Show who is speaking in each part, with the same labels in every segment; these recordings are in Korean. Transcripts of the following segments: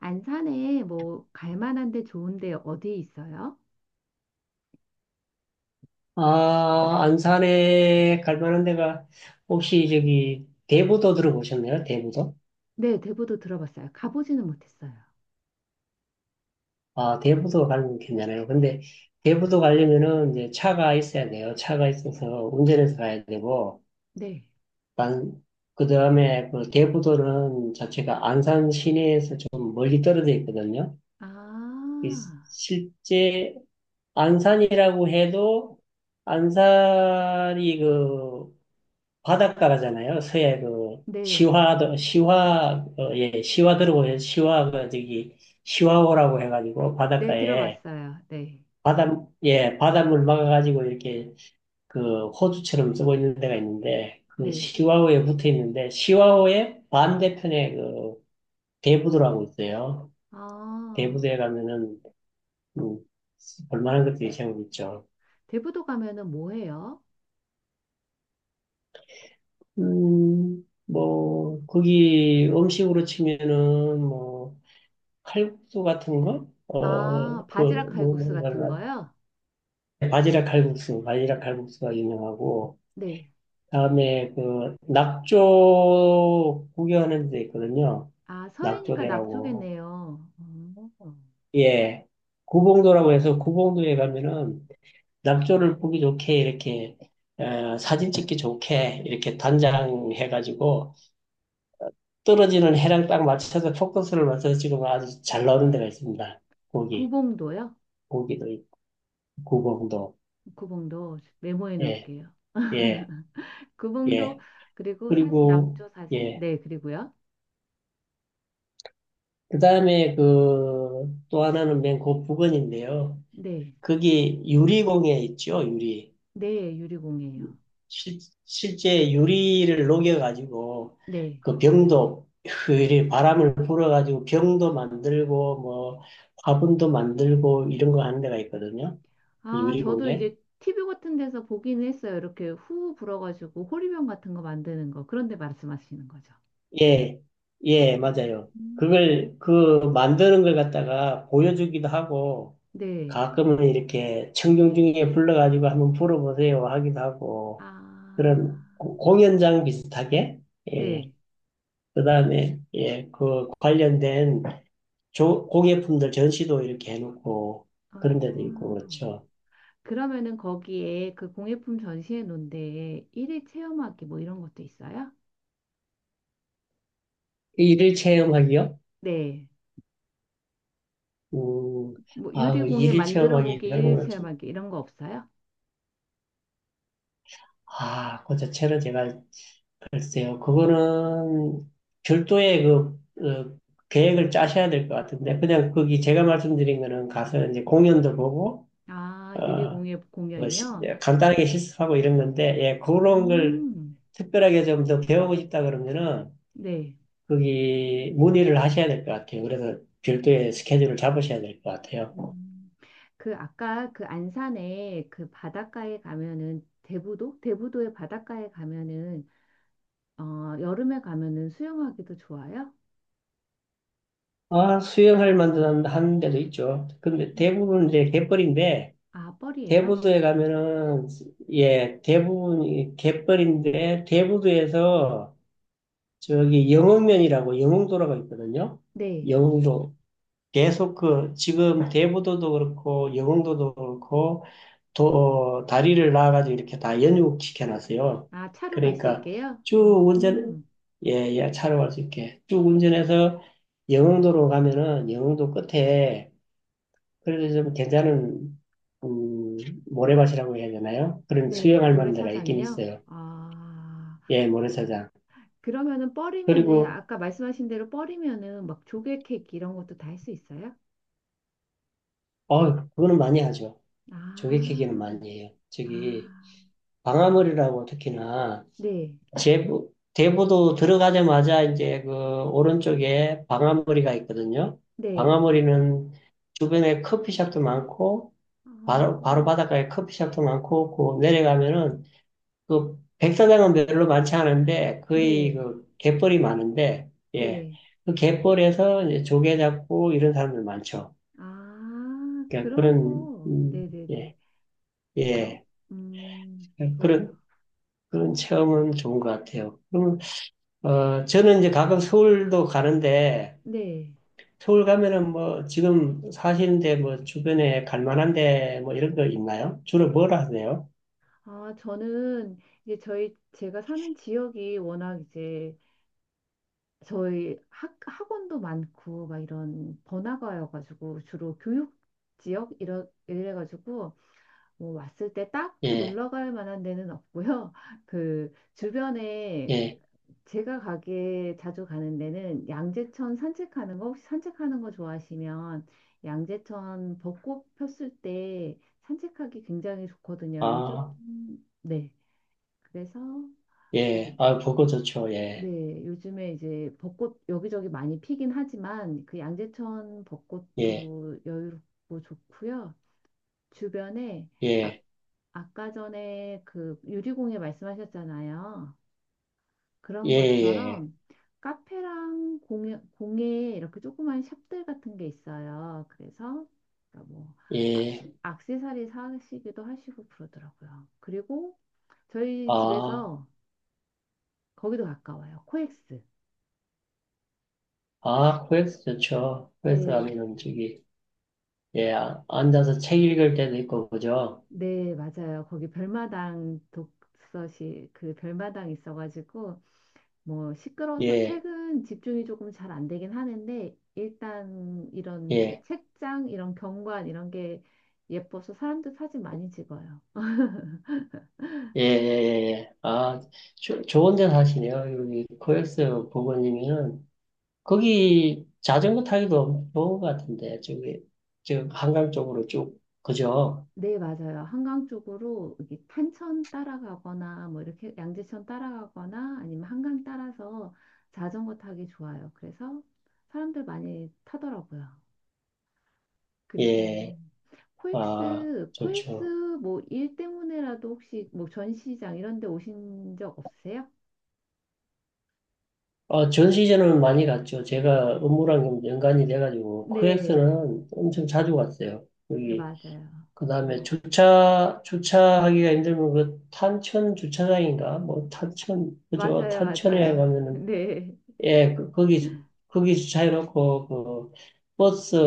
Speaker 1: 안산에 뭐 갈 만한 데 좋은 데 어디 있어요?
Speaker 2: 아, 안산에 갈 만한 데가 혹시 저기 대부도 들어보셨나요? 대부도?
Speaker 1: 네, 대부도 들어봤어요. 가보지는 못했어요.
Speaker 2: 아, 대부도 가는 게 괜찮아요. 근데 대부도 가려면은 이제 차가 있어야 돼요. 차가 있어서 운전해서 가야 되고,
Speaker 1: 네.
Speaker 2: 난, 그 다음에 그 대부도는 자체가 안산 시내에서 좀 멀리 떨어져 있거든요.
Speaker 1: 아,
Speaker 2: 이 실제 안산이라고 해도 안산이 그 바닷가잖아요. 서해 그
Speaker 1: 네.
Speaker 2: 예 시화도라고 해서 시화가 저기 시화호라고 해가지고
Speaker 1: 네,
Speaker 2: 바닷가에
Speaker 1: 들어봤어요. 네.
Speaker 2: 바다 예 바닷물 막아가지고 이렇게 그 호수처럼 쓰고 있는 데가 있는데 그
Speaker 1: 네.
Speaker 2: 시화호에 붙어 있는데 시화호의 반대편에 그 대부도라고 있어요.
Speaker 1: 아,
Speaker 2: 대부도에 가면은 음, 볼만한 것들이 제법 있죠.
Speaker 1: 대부도 가면은 뭐 해요?
Speaker 2: 뭐 거기 음식으로 치면은 뭐 칼국수 같은 거? 어,
Speaker 1: 아,
Speaker 2: 그,
Speaker 1: 바지락
Speaker 2: 뭐,
Speaker 1: 칼국수
Speaker 2: 뭐, 이거
Speaker 1: 같은 거요?
Speaker 2: 바지락 칼국수가 유명하고,
Speaker 1: 네.
Speaker 2: 다음에 그, 낙조 구경하는 데 있거든요.
Speaker 1: 아, 서해니까
Speaker 2: 낙조대라고.
Speaker 1: 낙조겠네요. 어.
Speaker 2: 예. 구봉도라고 해서 구봉도에 가면은 낙조를 보기 좋게 이렇게, 사진 찍기 좋게 이렇게 단장해가지고 떨어지는 해랑 딱 맞춰서 포커스를 맞춰서 찍으면 아주 잘 나오는 데가 있습니다. 고기,
Speaker 1: 구봉도요?
Speaker 2: 고기도 있고, 구봉도.
Speaker 1: 구봉도 메모해
Speaker 2: 예.
Speaker 1: 놓을게요.
Speaker 2: 예,
Speaker 1: 구봉도
Speaker 2: 예.
Speaker 1: 그리고 사진
Speaker 2: 그리고,
Speaker 1: 낙조 사진
Speaker 2: 예.
Speaker 1: 네 그리고요.
Speaker 2: 그 다음에 그, 또 하나는 맨 그 부근인데요.
Speaker 1: 네.
Speaker 2: 거기 유리공예 있죠, 유리.
Speaker 1: 네, 유리공이에요.
Speaker 2: 실, 실제 유리를 녹여가지고,
Speaker 1: 네.
Speaker 2: 그 병도, 그 유리 바람을 불어가지고 병도 만들고, 뭐, 화분도 만들고, 이런 거 하는 데가 있거든요. 그
Speaker 1: 아, 저도
Speaker 2: 유리공예.
Speaker 1: 이제 TV 같은 데서 보기는 했어요. 이렇게 후 불어가지고 호리병 같은 거 만드는 거. 그런데 말씀하시는 거죠.
Speaker 2: 예, 예, 맞아요.
Speaker 1: 음.
Speaker 2: 그 만드는 걸 갖다가 보여주기도 하고,
Speaker 1: 네.
Speaker 2: 가끔은 이렇게 청중 중에 불러가지고 한번 불어보세요 하기도 하고
Speaker 1: 아,
Speaker 2: 그런 공연장 비슷하게 예.
Speaker 1: 네.
Speaker 2: 그다음에 예, 그 관련된 공예품들 전시도 이렇게 해놓고
Speaker 1: 어.
Speaker 2: 그런 데도 있고 그렇죠.
Speaker 1: 그러면은 거기에 그 공예품 전시회 놓은데 일일 체험하기 뭐 이런 것도 있어요?
Speaker 2: 일일 체험하기요?
Speaker 1: 네.
Speaker 2: 음,
Speaker 1: 뭐
Speaker 2: 그
Speaker 1: 유리공예
Speaker 2: 일일
Speaker 1: 만들어
Speaker 2: 체험하기
Speaker 1: 보기
Speaker 2: 그런
Speaker 1: 일일
Speaker 2: 거는 좀,
Speaker 1: 체험하기 이런 거 없어요?
Speaker 2: 아, 그 자체는 제가 글쎄요, 그거는 별도의 어, 계획을 짜셔야 될 것 같은데, 그냥 거기 제가 말씀드린 거는 가서 이제 공연도 보고,
Speaker 1: 아,
Speaker 2: 어,
Speaker 1: 유리공예
Speaker 2: 뭐
Speaker 1: 공연이요?
Speaker 2: 간단하게 실습하고 이런 건데, 예, 그런 걸
Speaker 1: 음.
Speaker 2: 특별하게 좀 더 배우고 싶다 그러면은,
Speaker 1: 네.
Speaker 2: 거기 문의를 하셔야 될 것 같아요. 그래서 별도의 스케줄을 잡으셔야 될 것 같아요.
Speaker 1: 음, 그 아까 그 안산에 그 바닷가에 가면은 대부도? 대부도의 바닷가에 가면은 여름에 가면은 수영하기도 좋아요?
Speaker 2: 아, 수영할 만한 한 데도 있죠. 근데
Speaker 1: 음.
Speaker 2: 대부분 이제 갯벌인데,
Speaker 1: 아, 뻘이에요?
Speaker 2: 대부도에 가면은 예 대부분 이 갯벌인데 대부도에서 저기 영흥면이라고 영흥도로가 있거든요.
Speaker 1: 네.
Speaker 2: 영흥도 계속 그 지금 대부도도 그렇고 영흥도도 그렇고 도 다리를 나와가지고 이렇게 다 연육시켜놨어요.
Speaker 1: 아, 차로 갈 수
Speaker 2: 그러니까
Speaker 1: 있게요?
Speaker 2: 쭉 운전
Speaker 1: 음,
Speaker 2: 예예 차로 갈 수 있게 쭉 운전해서 영흥도로 가면은 영흥도 끝에 그래도 좀 괜찮은 음, 모래밭이라고 해야 되나요? 그런
Speaker 1: 네.
Speaker 2: 수영할 만한 데가 있긴
Speaker 1: 모래사장이요?
Speaker 2: 있어요.
Speaker 1: 아,
Speaker 2: 예, 모래사장.
Speaker 1: 그러면은 뻘이면은
Speaker 2: 그리고
Speaker 1: 아까 말씀하신 대로 뻘이면은 막 조개 케이크 이런 것도 다 할 수 있어요?
Speaker 2: 그거는 많이 하죠.
Speaker 1: 아,
Speaker 2: 조개캐기는 많이 해요. 저기
Speaker 1: 아,
Speaker 2: 방아머리라고 특히나
Speaker 1: 네.
Speaker 2: 제부 대부도 들어가자마자 이제 그 오른쪽에 방아머리가 있거든요.
Speaker 1: 네.
Speaker 2: 방아머리는 주변에 커피숍도 많고
Speaker 1: 아,
Speaker 2: 바로 바로 바닷가에 커피숍도 많고 그 내려가면은 그 백사장은 별로 많지 않은데 거의
Speaker 1: 네.
Speaker 2: 그 갯벌이 많은데 예.
Speaker 1: 네.
Speaker 2: 그 갯벌에서 이제 조개 잡고 이런 사람들 많죠.
Speaker 1: 아,
Speaker 2: 그러니까
Speaker 1: 그런
Speaker 2: 그런
Speaker 1: 거. 네네네.
Speaker 2: 예.
Speaker 1: 그럼,
Speaker 2: 예.
Speaker 1: 좋아요.
Speaker 2: 그런 그런 체험은 좋은 것 같아요. 그러면 저는 이제 가끔 서울도 가는데
Speaker 1: 네.
Speaker 2: 서울 가면은 뭐 지금 사시는데 뭐 주변에 갈 만한 데뭐 이런 거 있나요? 주로 뭘 하세요?
Speaker 1: 아, 저는 이제 제가 사는 지역이 워낙 이제 저희 학원도 많고 막 이런 번화가여가지고 주로 교육 지역 이래가지고 뭐 왔을 때 딱히
Speaker 2: 예.
Speaker 1: 놀러 갈 만한 데는 없고요. 그 주변에
Speaker 2: 예.
Speaker 1: 제가 가게 자주 가는 데는 양재천 산책하는 거 혹시 산책하는 거 좋아하시면 양재천 벚꽃 폈을 때 산책하기 굉장히 좋거든요. 요즘
Speaker 2: 아,
Speaker 1: 네. 그래서 그런
Speaker 2: 예. 아, 보고 좋죠. 예.
Speaker 1: 네, 요즘에 이제 벚꽃 여기저기 많이 피긴 하지만 그 양재천
Speaker 2: 예.
Speaker 1: 벚꽃도 여유롭고 좋고요. 주변에 아,
Speaker 2: 예.
Speaker 1: 아까 전에 그 유리공예 말씀하셨잖아요.
Speaker 2: 예.
Speaker 1: 그런
Speaker 2: 예.
Speaker 1: 것처럼 카페랑 공예 이렇게 조그만 샵들 같은 게 있어요. 그래서 그러니까 뭐 아,
Speaker 2: 예,
Speaker 1: 액세서리 사시기도 하시고 그러더라고요. 그리고 저희
Speaker 2: 아,
Speaker 1: 집에서 거기도 가까워요. 코엑스.
Speaker 2: 아, 코엑스 좋죠. 코엑스
Speaker 1: 네,
Speaker 2: 가면 음식이. 예, 아, 앉아서 책 읽을 때도 있고, 그죠?
Speaker 1: 네, 맞아요. 거기 별마당 독서실 그 별마당 있어가지고 뭐 시끄러워서
Speaker 2: 예,
Speaker 1: 책은 집중이 조금 잘 안 되긴 하는데 일단 이런 그
Speaker 2: 예,
Speaker 1: 책장 이런 경관 이런 게 예뻐서 사람들 사진 많이 찍어요.
Speaker 2: 예, 예, 예. 예. 예. 아, 좋은 데 사시네요. 여기 코엑스 부모님이는. 거기 자전거 타기도 좋은 것 같은데, 저기, 지금 한강 쪽으로 쭉, 그죠?
Speaker 1: 네, 맞아요. 한강 쪽으로 이게 탄천 따라가거나 뭐 이렇게 양재천 따라가거나 아니면 한강 따라서 자전거 타기 좋아요. 그래서 사람들 많이 타더라고요. 그리고
Speaker 2: 예, 아,
Speaker 1: 코엑스
Speaker 2: 좋죠.
Speaker 1: 뭐 일 때문에라도 혹시 뭐 전시장 이런 데 오신 적 없으세요?
Speaker 2: 전 시즌은 많이 갔죠. 제가 업무랑 좀 연관이 돼가지고,
Speaker 1: 네.
Speaker 2: 코엑스는 엄청 자주 갔어요.
Speaker 1: 네,
Speaker 2: 여기
Speaker 1: 맞아요.
Speaker 2: 그 다음에
Speaker 1: 어,
Speaker 2: 주차하기가 힘들면 그 탄천 주차장인가? 뭐 탄천, 그죠?
Speaker 1: 맞아요,
Speaker 2: 탄천에
Speaker 1: 맞아요.
Speaker 2: 가면은,
Speaker 1: 네,
Speaker 2: 예, 그, 거기 주차해놓고 그 버스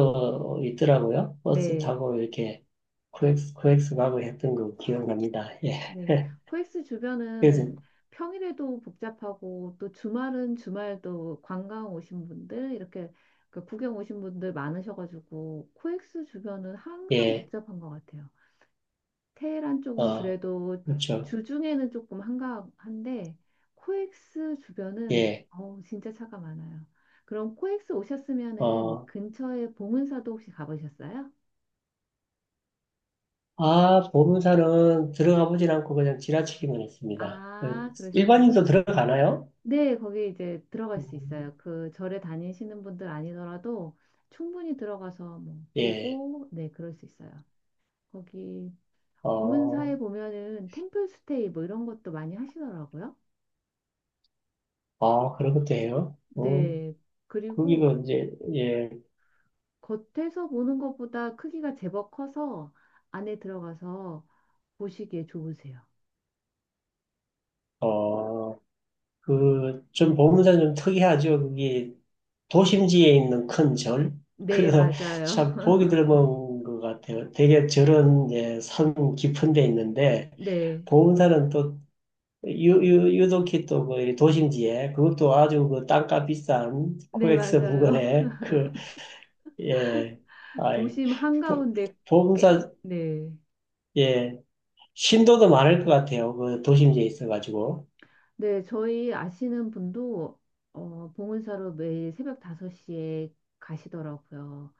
Speaker 2: 있더라고요. 버스
Speaker 1: 네,
Speaker 2: 타고 이렇게 코엑스 가고 했던 거 기억납니다. 예.
Speaker 1: 네. 코엑스
Speaker 2: 그래서,
Speaker 1: 주변은 평일에도 복잡하고 또 주말은 주말도 관광 오신 분들 이렇게 그 구경 오신 분들 많으셔가지고 코엑스 주변은 항상
Speaker 2: 예,
Speaker 1: 복잡한 것 같아요. 테헤란 쪽은
Speaker 2: 어,
Speaker 1: 그래도
Speaker 2: 그렇죠.
Speaker 1: 주중에는 조금 한가한데 코엑스 주변은
Speaker 2: 예,
Speaker 1: 어우 진짜 차가 많아요. 그럼 코엑스 오셨으면은
Speaker 2: 어,
Speaker 1: 근처에 봉은사도 혹시 가보셨어요?
Speaker 2: 아, 보름산은 들어가 보진 않고 그냥 지나치기만 했습니다.
Speaker 1: 아, 그러셨구나.
Speaker 2: 일반인도 들어가나요?
Speaker 1: 네, 거기 이제 들어갈 수 있어요.
Speaker 2: 음,
Speaker 1: 그 절에 다니시는 분들 아니더라도 충분히 들어가서 뭐
Speaker 2: 예,
Speaker 1: 보고 네, 그럴 수 있어요. 거기
Speaker 2: 어,
Speaker 1: 봉은사에 보면은 템플스테이 뭐 이런 것도 많이 하시더라고요.
Speaker 2: 그런 것도 해요
Speaker 1: 네.
Speaker 2: 거기가
Speaker 1: 그리고
Speaker 2: 이제, 예,
Speaker 1: 겉에서 보는 것보다 크기가 제법 커서 안에 들어가서 보시기에 좋으세요.
Speaker 2: 어, 좀 보문사는 좀 특이하죠. 그게 도심지에 있는 큰 절.
Speaker 1: 네,
Speaker 2: 그래서
Speaker 1: 맞아요.
Speaker 2: 참 보기 드문 것 같아요. 되게 절은 이제 산 깊은 데 있는데,
Speaker 1: 네,
Speaker 2: 보문사는 또 유독히 또그 도심지에 그것도 아주 그 땅값 비싼
Speaker 1: 네,
Speaker 2: 코엑스
Speaker 1: 맞아요.
Speaker 2: 부근에 그, 예, 아이,
Speaker 1: 도심
Speaker 2: 보-
Speaker 1: 한가운데
Speaker 2: 보문
Speaker 1: 꽤,
Speaker 2: 사
Speaker 1: 네.
Speaker 2: 예. 신도도 많을 것 같아요. 그 도심지에 있어가지고.
Speaker 1: 네, 저희 아시는 분도 봉은사로 매일 새벽 5시에 가시더라고요.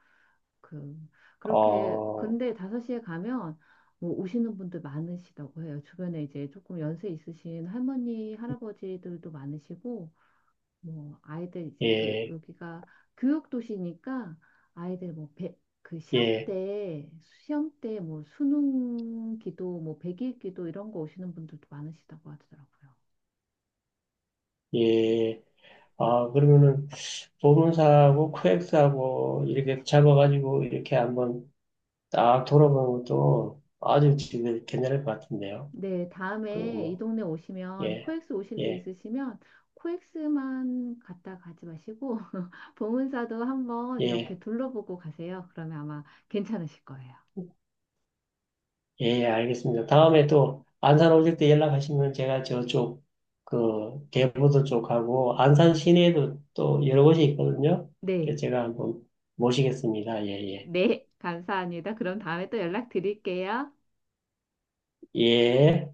Speaker 1: 그, 그렇게,
Speaker 2: 어,
Speaker 1: 근데 5시에 가면 뭐 오시는 분들 많으시다고 해요. 주변에 이제 조금 연세 있으신 할머니, 할아버지들도 많으시고, 뭐 아이들 이제 또
Speaker 2: 예,
Speaker 1: 여기가 교육 도시니까 아이들 뭐 그 시험
Speaker 2: 예,
Speaker 1: 때 시험 때 뭐 수능 기도 뭐 100일 기도 이런 거 오시는 분들도 많으시다고 하더라고요.
Speaker 2: 예. 아, 그러면은 보문사하고 코엑스하고 이렇게 잡아가지고 이렇게 한번 딱 돌아보는 것도 아주 지금 괜찮을 것 같은데요.
Speaker 1: 네,
Speaker 2: 그
Speaker 1: 다음에 이
Speaker 2: 뭐,
Speaker 1: 동네 오시면
Speaker 2: 예,
Speaker 1: 코엑스 오실 일
Speaker 2: 예,
Speaker 1: 있으시면 코엑스만 갔다 가지 마시고 봉은사도 한번 이렇게
Speaker 2: 예.
Speaker 1: 둘러보고 가세요. 그러면 아마 괜찮으실 거예요.
Speaker 2: 예, 알겠습니다. 다음에 또 안산 오실 때 연락하시면 제가 저쪽 그 개부도 쪽하고 안산 시내에도 또 여러 곳이 있거든요. 그래서
Speaker 1: 네.
Speaker 2: 제가 한번 모시겠습니다. 예, 예.
Speaker 1: 네, 감사합니다. 그럼 다음에 또 연락드릴게요.
Speaker 2: 예.